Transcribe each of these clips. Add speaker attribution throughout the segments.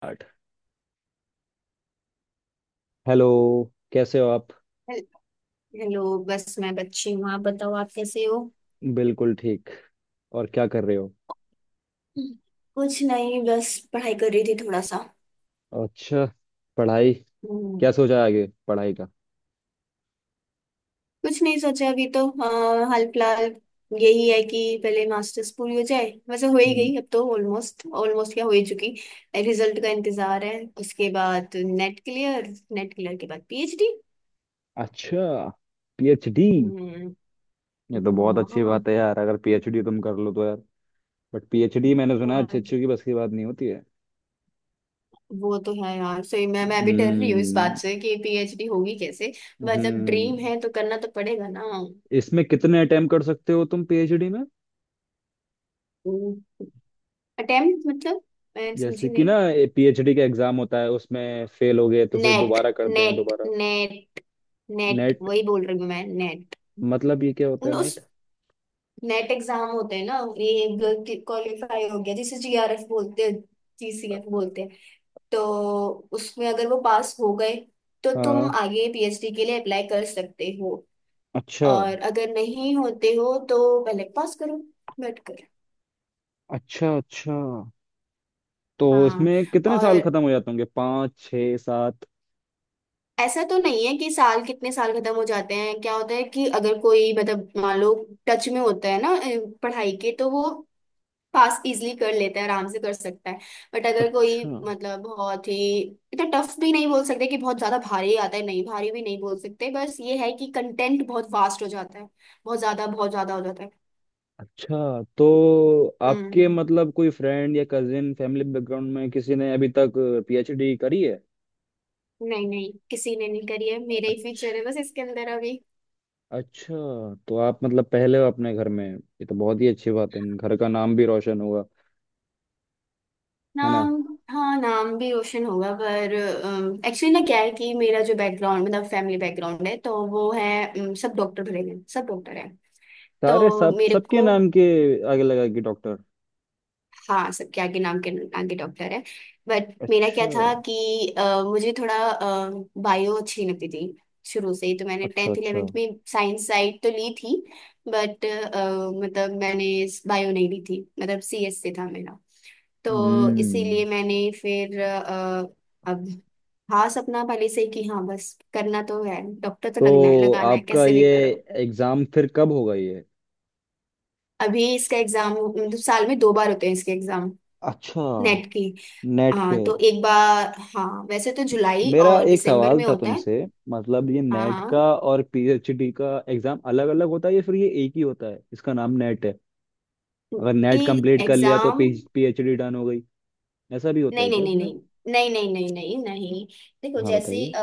Speaker 1: आठ। हेलो, कैसे हो आप?
Speaker 2: हेल- हेलो। बस मैं बच्ची हूँ, आप बताओ आप कैसे हो?
Speaker 1: बिल्कुल ठीक। और क्या कर रहे हो?
Speaker 2: कुछ नहीं, बस पढ़ाई कर रही थी थोड़ा सा।
Speaker 1: अच्छा, पढ़ाई।
Speaker 2: हम्म,
Speaker 1: क्या सोचा है आगे पढ़ाई का?
Speaker 2: कुछ नहीं सोचा अभी तो। हाँ, हाल फिलहाल यही है कि पहले मास्टर्स पूरी हो जाए, वैसे हो ही
Speaker 1: हम्म।
Speaker 2: गई, अब तो ऑलमोस्ट ऑलमोस्ट क्या हो ही चुकी। रिजल्ट का इंतजार है। उसके बाद नेट क्लियर, नेट क्लियर के बाद पीएचडी।
Speaker 1: अच्छा, पीएचडी।
Speaker 2: हम्म।
Speaker 1: ये तो बहुत अच्छी
Speaker 2: हाँ।
Speaker 1: बात है यार, अगर पीएचडी तुम कर लो तो यार। बट पीएचडी मैंने सुना है अच्छे
Speaker 2: और
Speaker 1: अच्छे की बस की बात नहीं होती है।
Speaker 2: वो तो है यार, सही। मैं भी डर रही हूँ इस बात
Speaker 1: हम्म
Speaker 2: से कि पीएचडी होगी कैसे। मतलब
Speaker 1: हम्म,
Speaker 2: ड्रीम है तो करना तो पड़ेगा ना।
Speaker 1: इसमें कितने अटेम्प्ट कर सकते हो तुम पीएचडी में?
Speaker 2: अटेम्प्ट, मतलब मैं
Speaker 1: जैसे
Speaker 2: समझी
Speaker 1: कि ना,
Speaker 2: नहीं।
Speaker 1: पीएचडी का एग्जाम होता है, उसमें फेल हो गए तो फिर
Speaker 2: नेट,
Speaker 1: दोबारा करते हैं
Speaker 2: नेट,
Speaker 1: दोबारा।
Speaker 2: नेट, नेट
Speaker 1: नेट
Speaker 2: वही बोल रही हूँ मैं, नेट।
Speaker 1: मतलब ये क्या होता है,
Speaker 2: उस
Speaker 1: नेट?
Speaker 2: नेट एग्जाम होते हैं ना ये, क्वालिफाई हो गया जिसे जीआरएफ बोलते हैं, जीसीएफ बोलते हैं, तो उसमें अगर वो पास हो गए तो तुम
Speaker 1: हाँ,
Speaker 2: आगे पीएचडी के लिए अप्लाई कर सकते हो।
Speaker 1: अच्छा
Speaker 2: और अगर नहीं होते हो तो पहले पास करो, बैठ कर।
Speaker 1: अच्छा। अच्छा, तो
Speaker 2: हाँ।
Speaker 1: इसमें कितने साल
Speaker 2: और
Speaker 1: खत्म हो जाते होंगे, 5 6 7?
Speaker 2: ऐसा तो नहीं है कि साल कितने साल खत्म हो जाते हैं, क्या होता है कि अगर कोई, मतलब मान लो, टच में होता है ना पढ़ाई के, तो वो पास इजली कर लेता है, आराम से कर सकता है। बट अगर कोई,
Speaker 1: अच्छा
Speaker 2: मतलब बहुत ही, इतना टफ भी नहीं बोल सकते कि बहुत ज्यादा भारी आता है, नहीं, भारी भी नहीं बोल सकते, बस ये है कि कंटेंट बहुत वास्ट हो जाता है, बहुत ज्यादा हो जाता है।
Speaker 1: अच्छा, तो आपके
Speaker 2: हम्म।
Speaker 1: मतलब कोई फ्रेंड या कजिन फैमिली बैकग्राउंड में किसी ने अभी तक पीएचडी करी है?
Speaker 2: नहीं नहीं, किसी ने नहीं करी है, मेरा ही फ्यूचर
Speaker 1: अच्छा।
Speaker 2: है बस इसके अंदर अभी।
Speaker 1: अच्छा, तो आप मतलब पहले हो अपने घर में, ये तो बहुत ही अच्छी बात है, घर का नाम भी रोशन हुआ, है ना?
Speaker 2: नाम। हाँ, नाम भी रोशन होगा, पर एक्चुअली ना क्या है कि मेरा जो बैकग्राउंड, मतलब फैमिली बैकग्राउंड है, तो वो है, सब डॉक्टर भरे हैं, सब डॉक्टर हैं।
Speaker 1: सारे
Speaker 2: तो
Speaker 1: सब,
Speaker 2: मेरे
Speaker 1: सबके
Speaker 2: को,
Speaker 1: नाम के आगे लगा कि डॉक्टर।
Speaker 2: हाँ, सबके आगे नाम के आगे डॉक्टर है। बट मेरा क्या
Speaker 1: अच्छा।
Speaker 2: था कि मुझे थोड़ा बायो अच्छी लगती थी शुरू से ही, तो मैंने
Speaker 1: अच्छा।
Speaker 2: 10th
Speaker 1: अच्छा।
Speaker 2: 11th में साइंस साइड तो ली थी। बट, मतलब मैंने बायो नहीं ली थी, मतलब सीएस से था मेरा, तो
Speaker 1: हम्म।
Speaker 2: इसीलिए मैंने फिर अब, हाँ सपना पहले से ही कि हाँ, बस करना तो है, डॉक्टर तो लगना है,
Speaker 1: तो
Speaker 2: लगाना है
Speaker 1: आपका
Speaker 2: कैसे भी
Speaker 1: ये
Speaker 2: करो।
Speaker 1: एग्जाम फिर कब होगा, ये?
Speaker 2: अभी इसका एग्जाम, मतलब साल में दो बार होते हैं इसके एग्जाम।
Speaker 1: अच्छा,
Speaker 2: नेट की।
Speaker 1: नेट
Speaker 2: हाँ,
Speaker 1: के।
Speaker 2: तो एक बार, हाँ, वैसे तो जुलाई
Speaker 1: मेरा
Speaker 2: और
Speaker 1: एक
Speaker 2: दिसंबर
Speaker 1: सवाल
Speaker 2: में
Speaker 1: था
Speaker 2: होता है।
Speaker 1: तुमसे, मतलब ये
Speaker 2: हाँ
Speaker 1: नेट का
Speaker 2: हाँ,
Speaker 1: और पीएचडी का एग्जाम अलग अलग होता है, या फिर ये एक ही होता है, इसका नाम नेट है? अगर नेट
Speaker 2: ये
Speaker 1: कंप्लीट कर लिया तो
Speaker 2: एग्जाम।
Speaker 1: पीएचडी डन हो गई, ऐसा भी होता
Speaker 2: नहीं
Speaker 1: है
Speaker 2: नहीं
Speaker 1: क्या
Speaker 2: नहीं
Speaker 1: इसमें?
Speaker 2: नहीं नहीं, नहीं नहीं नहीं नहीं। देखो
Speaker 1: हाँ
Speaker 2: जैसे
Speaker 1: बताइए।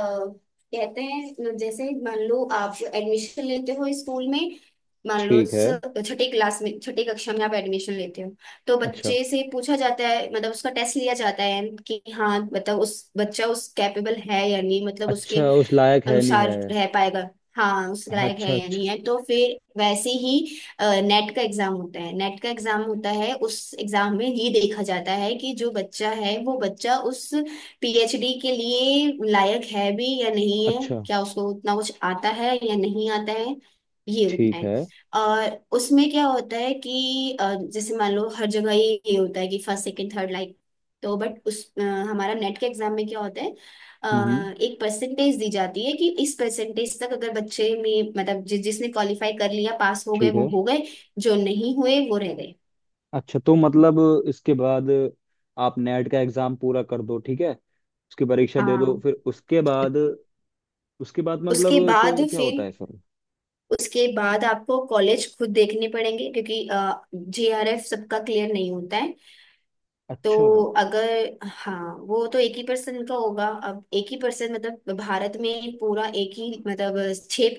Speaker 2: कहते हैं, जैसे मान लो आप एडमिशन लेते हो स्कूल में। मान लो,
Speaker 1: ठीक है।
Speaker 2: छठी क्लास में, छठी कक्षा में आप एडमिशन लेते हो, तो
Speaker 1: अच्छा
Speaker 2: बच्चे से पूछा जाता है, मतलब उसका टेस्ट लिया जाता है कि हाँ मतलब उस बच्चा उस कैपेबल है या नहीं, मतलब उसके
Speaker 1: अच्छा उस लायक है नहीं है।
Speaker 2: अनुसार रह पाएगा। हाँ, उस
Speaker 1: अच्छा
Speaker 2: लायक है
Speaker 1: अच्छा।
Speaker 2: या नहीं है, तो फिर वैसे ही नेट का एग्जाम होता है। नेट का एग्जाम होता है, उस एग्जाम में ये देखा जाता है कि जो बच्चा है वो बच्चा उस पीएचडी के लिए लायक है भी या नहीं है,
Speaker 1: अच्छा।
Speaker 2: क्या उसको उतना कुछ आता है या नहीं आता है। ये होता
Speaker 1: ठीक
Speaker 2: है।
Speaker 1: है।
Speaker 2: और उसमें क्या होता है कि जैसे मान लो हर जगह ये होता है कि फर्स्ट सेकंड थर्ड लाइक। तो बट उस, हमारा नेट के एग्जाम में क्या होता है? अ,
Speaker 1: हम्म हम्म,
Speaker 2: एक परसेंटेज दी जाती है कि इस परसेंटेज तक अगर बच्चे में, मतलब जिसने क्वालिफाई कर लिया, पास हो गए
Speaker 1: ठीक
Speaker 2: वो
Speaker 1: है।
Speaker 2: हो गए, जो नहीं हुए वो रह गए।
Speaker 1: अच्छा, तो मतलब इसके बाद आप नेट का एग्जाम पूरा कर दो, ठीक है, उसकी परीक्षा दे दो,
Speaker 2: हाँ,
Speaker 1: फिर उसके बाद, उसके बाद मतलब
Speaker 2: उसके बाद
Speaker 1: कोई क्या
Speaker 2: फिर,
Speaker 1: होता है सर?
Speaker 2: उसके बाद आपको कॉलेज खुद देखने पड़ेंगे, क्योंकि जेआरएफ सबका क्लियर नहीं होता है।
Speaker 1: अच्छा।
Speaker 2: तो अगर, हाँ वो तो एक ही पर्सन का होगा, अब एक ही पर्सन मतलब भारत में पूरा एक ही, मतलब छः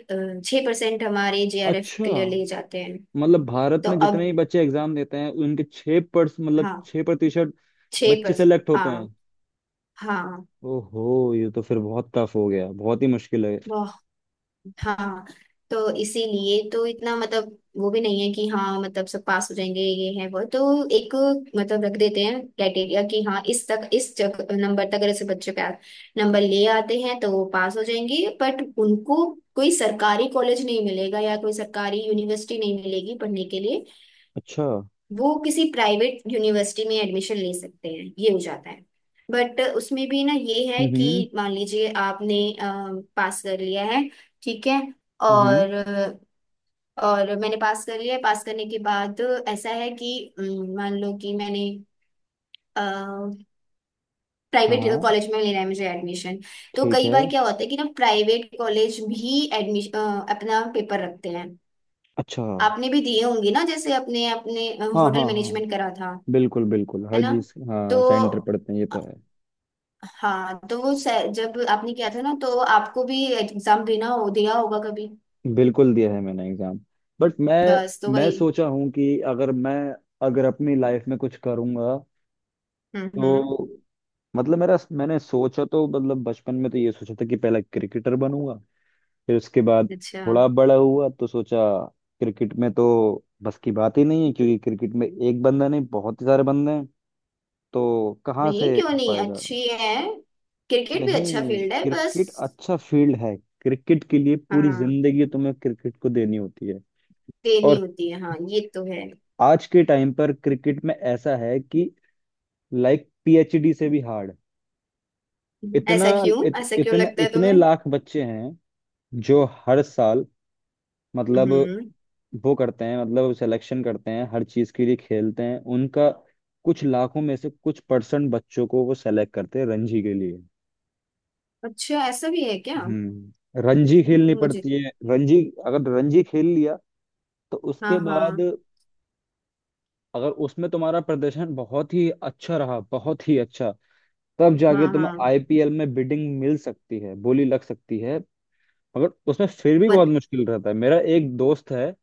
Speaker 2: छः परसेंट हमारे जेआरएफ
Speaker 1: अच्छा,
Speaker 2: क्लियर ले जाते हैं।
Speaker 1: मतलब भारत
Speaker 2: तो
Speaker 1: में जितने
Speaker 2: अब
Speaker 1: ही बच्चे एग्जाम देते हैं उनके छः पर्स मतलब
Speaker 2: हाँ,
Speaker 1: 6%
Speaker 2: छह
Speaker 1: बच्चे
Speaker 2: पर।
Speaker 1: सेलेक्ट होते
Speaker 2: हाँ।
Speaker 1: हैं?
Speaker 2: हाँ।
Speaker 1: ओहो, ये तो फिर बहुत टफ हो गया, बहुत ही मुश्किल है।
Speaker 2: वाह। हाँ। तो इसीलिए तो इतना, मतलब वो भी नहीं है कि हाँ मतलब सब पास हो जाएंगे, ये है वो तो, एक मतलब रख देते हैं क्राइटेरिया कि हाँ इस तक, नंबर तक अगर ऐसे बच्चे पास नंबर ले आते हैं तो वो पास हो जाएंगे, बट उनको कोई सरकारी कॉलेज नहीं मिलेगा या कोई सरकारी यूनिवर्सिटी नहीं मिलेगी पढ़ने के लिए।
Speaker 1: अच्छा।
Speaker 2: वो किसी प्राइवेट यूनिवर्सिटी में एडमिशन ले सकते हैं, ये हो जाता है। बट उसमें भी ना ये है कि
Speaker 1: हम्म
Speaker 2: मान लीजिए आपने पास कर लिया है, ठीक है,
Speaker 1: हम्म।
Speaker 2: और और मैंने पास कर लिया है, पास करने के बाद ऐसा है कि मान लो कि मैंने प्राइवेट
Speaker 1: हाँ,
Speaker 2: कॉलेज में लेना है मुझे एडमिशन। तो
Speaker 1: ठीक
Speaker 2: कई
Speaker 1: है।
Speaker 2: बार क्या होता है कि ना प्राइवेट कॉलेज भी एडमिशन अपना पेपर रखते हैं।
Speaker 1: अच्छा। हाँ
Speaker 2: आपने भी दिए होंगे ना, जैसे अपने अपने
Speaker 1: हाँ
Speaker 2: होटल
Speaker 1: हाँ,
Speaker 2: मैनेजमेंट करा था।
Speaker 1: बिल्कुल बिल्कुल,
Speaker 2: है
Speaker 1: हर
Speaker 2: ना?
Speaker 1: चीज,
Speaker 2: तो
Speaker 1: हाँ, सेंटर पढ़ते हैं, ये तो है।
Speaker 2: हाँ, तो जब आपने किया था ना, तो आपको भी एग्जाम देना हो दिया होगा कभी।
Speaker 1: बिल्कुल, दिया है मैंने एग्जाम। बट मैं
Speaker 2: बस तो
Speaker 1: मैं
Speaker 2: वही।
Speaker 1: सोचा हूँ कि अगर मैं, अगर अपनी लाइफ में कुछ करूँगा तो,
Speaker 2: हम्म।
Speaker 1: मतलब मेरा, मैंने सोचा तो मतलब बचपन में तो ये सोचा था कि पहले क्रिकेटर बनूंगा, फिर उसके बाद
Speaker 2: अच्छा।
Speaker 1: थोड़ा बड़ा हुआ तो सोचा क्रिकेट में तो बस की बात ही नहीं है, क्योंकि क्रिकेट में एक बंदा नहीं, बहुत ही सारे बंदे हैं, तो कहाँ
Speaker 2: नहीं,
Speaker 1: से
Speaker 2: क्यों
Speaker 1: हो
Speaker 2: नहीं,
Speaker 1: पाएगा।
Speaker 2: अच्छी है, क्रिकेट भी अच्छा
Speaker 1: नहीं,
Speaker 2: फील्ड है बस।
Speaker 1: क्रिकेट अच्छा फील्ड है, क्रिकेट के लिए पूरी
Speaker 2: हाँ
Speaker 1: जिंदगी तुम्हें क्रिकेट को देनी होती है।
Speaker 2: देनी
Speaker 1: और
Speaker 2: होती है, हाँ ये तो है।
Speaker 1: आज के टाइम पर क्रिकेट में ऐसा है कि लाइक पीएचडी से भी हार्ड, इतना,
Speaker 2: ऐसा क्यों
Speaker 1: इत,
Speaker 2: ऐसा क्यों
Speaker 1: इतने
Speaker 2: लगता है
Speaker 1: इतने
Speaker 2: तुम्हें?
Speaker 1: लाख बच्चे हैं जो हर साल, मतलब
Speaker 2: हम्म।
Speaker 1: वो करते हैं, मतलब सिलेक्शन करते हैं, हर चीज के लिए खेलते हैं, उनका कुछ लाखों में से कुछ परसेंट बच्चों को वो सेलेक्ट करते हैं रणजी के लिए।
Speaker 2: अच्छा, ऐसा भी है क्या?
Speaker 1: हम्म, रणजी खेलनी
Speaker 2: मुझे।
Speaker 1: पड़ती है रणजी, अगर रणजी खेल लिया तो
Speaker 2: हाँ
Speaker 1: उसके
Speaker 2: हाँ
Speaker 1: बाद, अगर उसमें तुम्हारा प्रदर्शन बहुत ही अच्छा रहा, बहुत ही अच्छा, तब
Speaker 2: हाँ
Speaker 1: जाके तुम्हें
Speaker 2: हाँ।
Speaker 1: आईपीएल में बिडिंग मिल सकती है, बोली लग सकती है। मगर उसमें फिर भी
Speaker 2: मत
Speaker 1: बहुत मुश्किल रहता है। मेरा एक दोस्त है,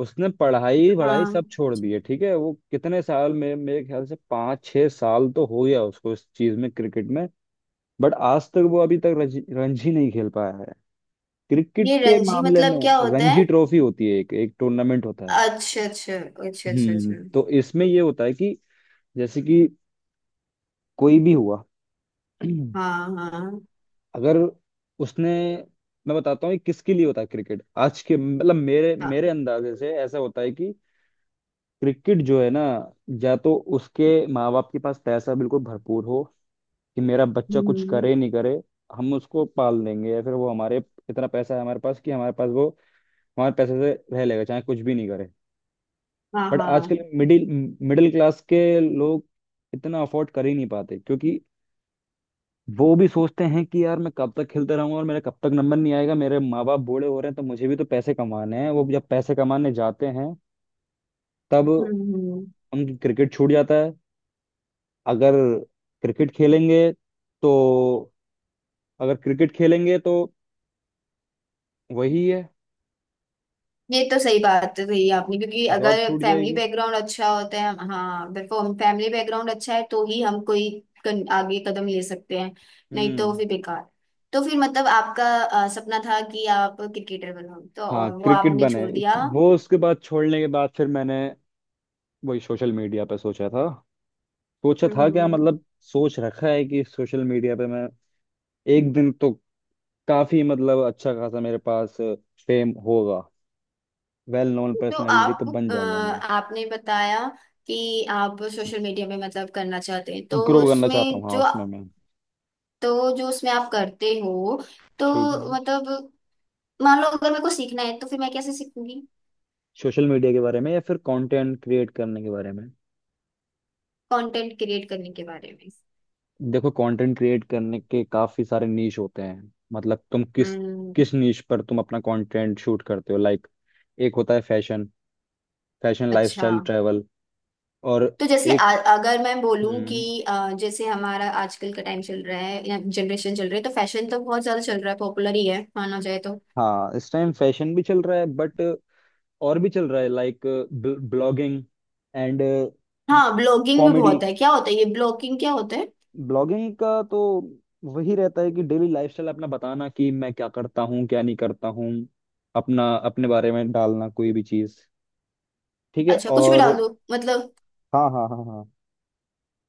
Speaker 1: उसने पढ़ाई वढ़ाई
Speaker 2: हाँ।
Speaker 1: सब छोड़ दी है, ठीक है, वो कितने साल में, मेरे ख्याल से 5 6 साल तो हो गया उसको इस चीज में, क्रिकेट में, बट आज तक वो अभी तक रणजी नहीं खेल पाया है क्रिकेट
Speaker 2: ये
Speaker 1: के
Speaker 2: रणजी
Speaker 1: मामले में।
Speaker 2: मतलब क्या होता है?
Speaker 1: रणजी ट्रॉफी होती है, एक एक टूर्नामेंट होता है।
Speaker 2: अच्छा अच्छा अच्छा अच्छा अच्छा
Speaker 1: हम्म,
Speaker 2: अच्छा।
Speaker 1: तो इसमें ये होता है कि जैसे कि कोई भी हुआ,
Speaker 2: हाँ हाँ
Speaker 1: अगर उसने, मैं बताता हूँ ये किसके लिए होता है, क्रिकेट आज के, मतलब मेरे
Speaker 2: हाँ।
Speaker 1: मेरे अंदाजे से ऐसा होता है कि क्रिकेट जो है ना, या तो उसके माँ बाप के पास पैसा बिल्कुल भरपूर हो कि मेरा बच्चा कुछ
Speaker 2: हम्म।
Speaker 1: करे नहीं करे, हम उसको पाल देंगे, या फिर वो हमारे, इतना पैसा है हमारे पास कि हमारे पास वो, हमारे पैसे से रह लेगा चाहे कुछ भी नहीं करे।
Speaker 2: हाँ
Speaker 1: बट
Speaker 2: हाँ।
Speaker 1: आजकल मिडिल मिडिल क्लास के लोग इतना अफोर्ड कर ही नहीं पाते, क्योंकि वो भी सोचते हैं कि यार मैं कब तक खेलते रहूंगा और मेरा कब तक नंबर नहीं आएगा, मेरे माँ बाप बूढ़े हो रहे हैं, तो मुझे भी तो पैसे कमाने हैं, वो जब पैसे कमाने जाते हैं तब
Speaker 2: हम्म।
Speaker 1: उनकी क्रिकेट छूट जाता है। अगर क्रिकेट खेलेंगे तो, अगर क्रिकेट खेलेंगे तो वही है,
Speaker 2: ये तो सही बात है, सही आपने, क्योंकि
Speaker 1: जॉब
Speaker 2: अगर
Speaker 1: छूट
Speaker 2: फैमिली
Speaker 1: जाएगी।
Speaker 2: बैकग्राउंड अच्छा होता है, हाँ बिल्कुल, फैमिली बैकग्राउंड अच्छा है तो ही हम कोई आगे कदम ले सकते हैं, नहीं तो
Speaker 1: हम्म।
Speaker 2: फिर बेकार। तो फिर, मतलब आपका सपना था कि आप क्रिकेटर बनो, तो
Speaker 1: हाँ,
Speaker 2: और वो
Speaker 1: क्रिकेट
Speaker 2: आपने
Speaker 1: बने,
Speaker 2: छोड़ दिया।
Speaker 1: वो उसके बाद, छोड़ने के बाद फिर मैंने वही सोशल मीडिया पे सोचा था। सोचा था क्या,
Speaker 2: हम्म।
Speaker 1: मतलब सोच रखा है कि सोशल मीडिया पे मैं एक दिन तो काफी, मतलब अच्छा खासा मेरे पास फेम होगा, वेल नोन
Speaker 2: तो
Speaker 1: पर्सनैलिटी तो बन जाऊंगा मैं।
Speaker 2: आपने बताया कि आप सोशल मीडिया में मतलब करना चाहते हैं, तो
Speaker 1: ग्रो करना चाहता
Speaker 2: उसमें
Speaker 1: हूँ, हाँ
Speaker 2: जो,
Speaker 1: उसमें मैं।
Speaker 2: तो जो उसमें आप करते हो, तो
Speaker 1: ठीक है।
Speaker 2: मतलब, मान लो अगर मेरे को सीखना है तो फिर मैं कैसे सीखूंगी?
Speaker 1: सोशल मीडिया के बारे में या फिर कंटेंट क्रिएट करने के बारे में?
Speaker 2: कंटेंट क्रिएट करने के बारे में।
Speaker 1: देखो, कंटेंट क्रिएट करने के काफी सारे नीश होते हैं, मतलब तुम किस
Speaker 2: हम्म।
Speaker 1: किस नीश पर तुम अपना कंटेंट शूट करते हो, लाइक एक होता है फैशन, फैशन
Speaker 2: अच्छा।
Speaker 1: लाइफस्टाइल ट्रैवल, और
Speaker 2: तो जैसे
Speaker 1: एक।
Speaker 2: अगर मैं बोलूं कि
Speaker 1: हम्म,
Speaker 2: जैसे हमारा आजकल का टाइम चल रहा है या जनरेशन चल रही है, तो फैशन तो बहुत ज्यादा चल रहा है, पॉपुलर ही है माना जाए तो।
Speaker 1: हाँ इस टाइम फैशन भी चल रहा है, बट और भी चल रहा है, लाइक ब्लॉगिंग एंड
Speaker 2: हाँ, ब्लॉगिंग भी
Speaker 1: कॉमेडी।
Speaker 2: बहुत है, क्या होता है ये ब्लॉगिंग, क्या होता है?
Speaker 1: ब्लॉगिंग का तो वही रहता है कि डेली लाइफस्टाइल अपना बताना कि मैं क्या करता हूँ, क्या नहीं करता हूँ, अपना, अपने बारे में डालना, कोई भी चीज, ठीक है।
Speaker 2: अच्छा, कुछ भी
Speaker 1: और
Speaker 2: डाल दो मतलब?
Speaker 1: हाँ हाँ हाँ हाँ,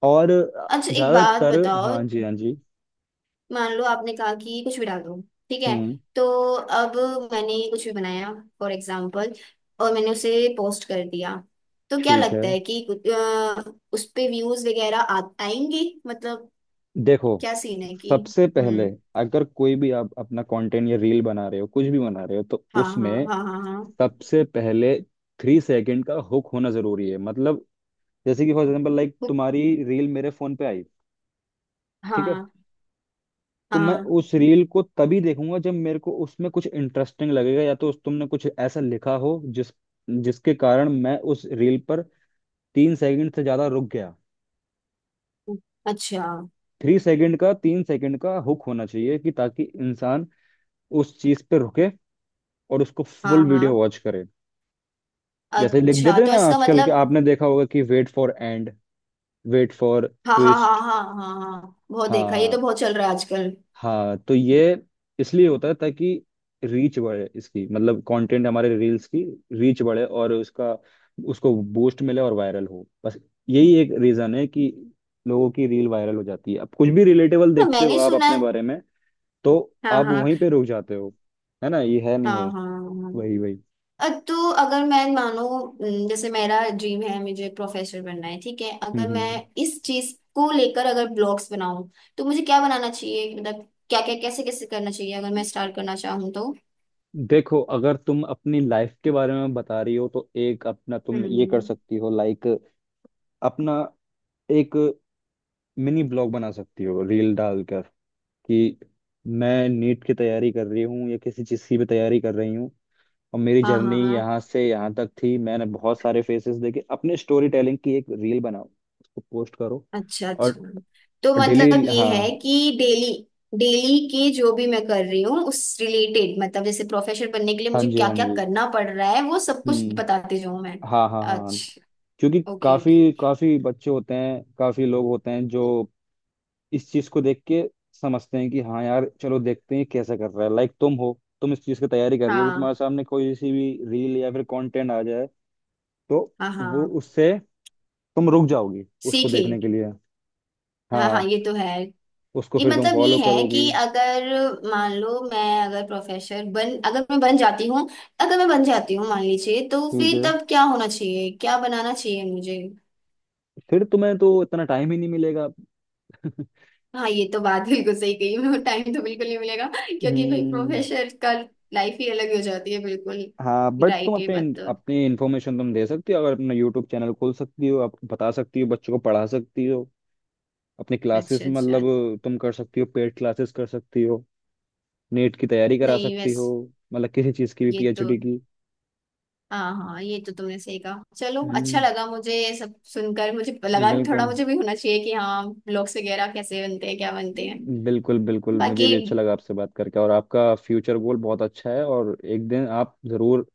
Speaker 1: और
Speaker 2: अच्छा, एक बात
Speaker 1: ज्यादातर,
Speaker 2: बताओ।
Speaker 1: हाँ जी हाँ जी।
Speaker 2: मान लो आपने कहा कि कुछ भी डाल दो, ठीक है,
Speaker 1: हम्म,
Speaker 2: तो अब मैंने कुछ भी बनाया फॉर एग्जाम्पल, और मैंने उसे पोस्ट कर दिया, तो क्या
Speaker 1: ठीक है।
Speaker 2: लगता है कि कुछ, उस पे व्यूज वगैरह आएंगे? मतलब
Speaker 1: देखो,
Speaker 2: क्या सीन है कि?
Speaker 1: सबसे पहले,
Speaker 2: हम्म।
Speaker 1: अगर कोई भी आप अपना कंटेंट या रील बना रहे हो, कुछ भी बना रहे हो, तो
Speaker 2: हाँ हाँ
Speaker 1: उसमें
Speaker 2: हाँ हाँ हाँ।
Speaker 1: सबसे पहले 3 सेकंड का हुक होना जरूरी है, मतलब जैसे कि फॉर एग्जांपल लाइक
Speaker 2: हुक-
Speaker 1: तुम्हारी रील मेरे फोन पे आई, ठीक है,
Speaker 2: हाँ
Speaker 1: तो मैं
Speaker 2: हाँ।
Speaker 1: उस रील को तभी देखूंगा जब मेरे को उसमें कुछ इंटरेस्टिंग लगेगा, या तो उस, तुमने कुछ ऐसा लिखा हो जिस, जिसके कारण मैं उस रील पर 3 सेकंड से ज्यादा रुक गया।
Speaker 2: अच्छा।
Speaker 1: 3 सेकंड का, 3 सेकंड का हुक होना चाहिए कि ताकि इंसान उस चीज पे रुके और उसको
Speaker 2: हाँ
Speaker 1: फुल
Speaker 2: हाँ।
Speaker 1: वीडियो वॉच करे। जैसे लिख
Speaker 2: अच्छा
Speaker 1: देते हैं
Speaker 2: तो
Speaker 1: ना
Speaker 2: इसका
Speaker 1: आजकल के,
Speaker 2: मतलब।
Speaker 1: आपने देखा होगा कि wait for and, wait for
Speaker 2: हाँ हाँ हाँ
Speaker 1: ट्विस्ट।
Speaker 2: हाँ हाँ हाँ, बहुत देखा, ये
Speaker 1: हाँ
Speaker 2: तो बहुत चल रहा है आजकल।
Speaker 1: हाँ, तो ये इसलिए होता है ताकि रीच बढ़े इसकी, मतलब कंटेंट हमारे रील्स की रीच बढ़े और उसका, उसको बूस्ट मिले और वायरल हो, बस। यही एक रीजन है कि लोगों की रील वायरल हो जाती है। अब कुछ भी रिलेटेबल
Speaker 2: तो
Speaker 1: देखते हो
Speaker 2: मैंने
Speaker 1: आप
Speaker 2: सुना
Speaker 1: अपने
Speaker 2: है।
Speaker 1: बारे में, तो
Speaker 2: हाँ
Speaker 1: आप
Speaker 2: हाँ
Speaker 1: वहीं पे रुक जाते हो, है ना, ये है नहीं
Speaker 2: हाँ
Speaker 1: है,
Speaker 2: हाँ हाँ।
Speaker 1: वही वही।
Speaker 2: तो अगर मैं मानो न, जैसे मेरा ड्रीम है मुझे प्रोफेसर बनना है, ठीक है, अगर मैं
Speaker 1: हम्म।
Speaker 2: इस चीज को लेकर अगर ब्लॉग्स बनाऊं, तो मुझे क्या बनाना चाहिए मतलब, क्या क्या कैसे कैसे करना चाहिए अगर मैं स्टार्ट करना चाहूँ तो?
Speaker 1: देखो, अगर तुम अपनी लाइफ के बारे में बता रही हो तो एक अपना तुम ये कर
Speaker 2: हम्म।
Speaker 1: सकती हो, लाइक अपना एक मिनी ब्लॉग बना सकती हो रील डालकर कि मैं नीट की तैयारी कर रही हूँ या किसी चीज़ की भी तैयारी कर रही हूँ, और मेरी
Speaker 2: हाँ
Speaker 1: जर्नी
Speaker 2: हाँ हाँ।
Speaker 1: यहाँ से यहाँ तक थी, मैंने बहुत सारे फेसेस देखे अपने, स्टोरी टेलिंग की एक रील बनाओ, उसको पोस्ट करो।
Speaker 2: अच्छा अच्छा।
Speaker 1: और
Speaker 2: तो मतलब
Speaker 1: डेली,
Speaker 2: ये है
Speaker 1: हाँ
Speaker 2: कि डेली, डेली के जो भी मैं कर रही हूँ उस रिलेटेड, मतलब जैसे प्रोफेसर बनने के लिए
Speaker 1: हाँ
Speaker 2: मुझे
Speaker 1: जी
Speaker 2: क्या
Speaker 1: हाँ
Speaker 2: क्या
Speaker 1: जी,
Speaker 2: करना पड़ रहा है वो सब कुछ
Speaker 1: हम्म,
Speaker 2: बताते जाऊँ मैं।
Speaker 1: हाँ हाँ हाँ,
Speaker 2: अच्छा।
Speaker 1: क्योंकि
Speaker 2: ओके
Speaker 1: काफी
Speaker 2: ओके।
Speaker 1: काफी बच्चे होते हैं, काफी लोग होते हैं जो इस चीज को देख के समझते हैं कि हाँ यार चलो देखते हैं कैसे कर रहा है, लाइक तुम हो, तुम इस चीज की तैयारी कर रही हो, अभी
Speaker 2: हाँ
Speaker 1: तुम्हारे सामने कोई सी भी रील या फिर कंटेंट आ जाए तो
Speaker 2: हाँ
Speaker 1: वो
Speaker 2: हाँ।
Speaker 1: उससे तुम रुक जाओगी उसको
Speaker 2: सीखे।
Speaker 1: देखने के लिए।
Speaker 2: हाँ हाँ,
Speaker 1: हाँ,
Speaker 2: ये तो है।
Speaker 1: उसको
Speaker 2: ये
Speaker 1: फिर तुम
Speaker 2: मतलब ये
Speaker 1: फॉलो
Speaker 2: है
Speaker 1: करोगी।
Speaker 2: कि अगर मान लो मैं, अगर मैं बन जाती हूँ अगर मैं बन जाती हूँ मान लीजिए, तो
Speaker 1: ठीक
Speaker 2: फिर
Speaker 1: है,
Speaker 2: तब क्या होना चाहिए, क्या बनाना चाहिए मुझे?
Speaker 1: फिर तुम्हें तो इतना टाइम ही नहीं मिलेगा।
Speaker 2: हाँ ये तो बात बिल्कुल सही कही, मेरे को टाइम तो बिल्कुल नहीं मिलेगा, क्योंकि भाई
Speaker 1: हम्म।
Speaker 2: प्रोफेसर का लाइफ ही अलग हो जाती है
Speaker 1: हाँ,
Speaker 2: बिल्कुल।
Speaker 1: बट तुम
Speaker 2: राइट, ये
Speaker 1: अपने,
Speaker 2: बात तो।
Speaker 1: अपनी इंफॉर्मेशन तुम दे सकती हो, अगर अपना यूट्यूब चैनल खोल सकती हो, आप बता सकती हो, बच्चों को पढ़ा सकती हो, अपनी क्लासेस,
Speaker 2: अच्छा अच्छा।
Speaker 1: मतलब तुम कर सकती हो, पेड क्लासेस कर सकती हो, नेट की तैयारी करा
Speaker 2: नहीं
Speaker 1: सकती हो,
Speaker 2: वैसे,
Speaker 1: मतलब किसी चीज़ की भी,
Speaker 2: ये तो,
Speaker 1: पीएचडी की।
Speaker 2: हाँ हाँ, ये तो तुमने सही कहा, चलो अच्छा
Speaker 1: हम्म,
Speaker 2: लगा मुझे ये सब सुनकर, मुझे लगा कि थोड़ा
Speaker 1: बिल्कुल।
Speaker 2: मुझे भी होना चाहिए कि हाँ ब्लॉग्स वगैरह कैसे बनते हैं, क्या बनते हैं।
Speaker 1: बिल्कुल बिल्कुल, मुझे
Speaker 2: बाकी
Speaker 1: भी अच्छा लगा आपसे बात करके, और आपका फ्यूचर गोल बहुत अच्छा है, और एक दिन आप जरूर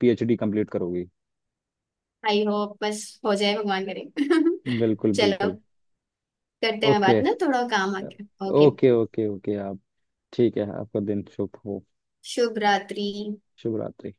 Speaker 1: पीएचडी कंप्लीट करोगी।
Speaker 2: आई होप, बस हो जाए भगवान करे
Speaker 1: बिल्कुल
Speaker 2: चलो,
Speaker 1: बिल्कुल।
Speaker 2: करते हैं
Speaker 1: ओके।
Speaker 2: बात ना, थोड़ा काम आ गया, ओके।
Speaker 1: ओके ओके ओके आप, ठीक है, आपका दिन शुभ हो।
Speaker 2: शुभ रात्रि।
Speaker 1: शुभ रात्रि।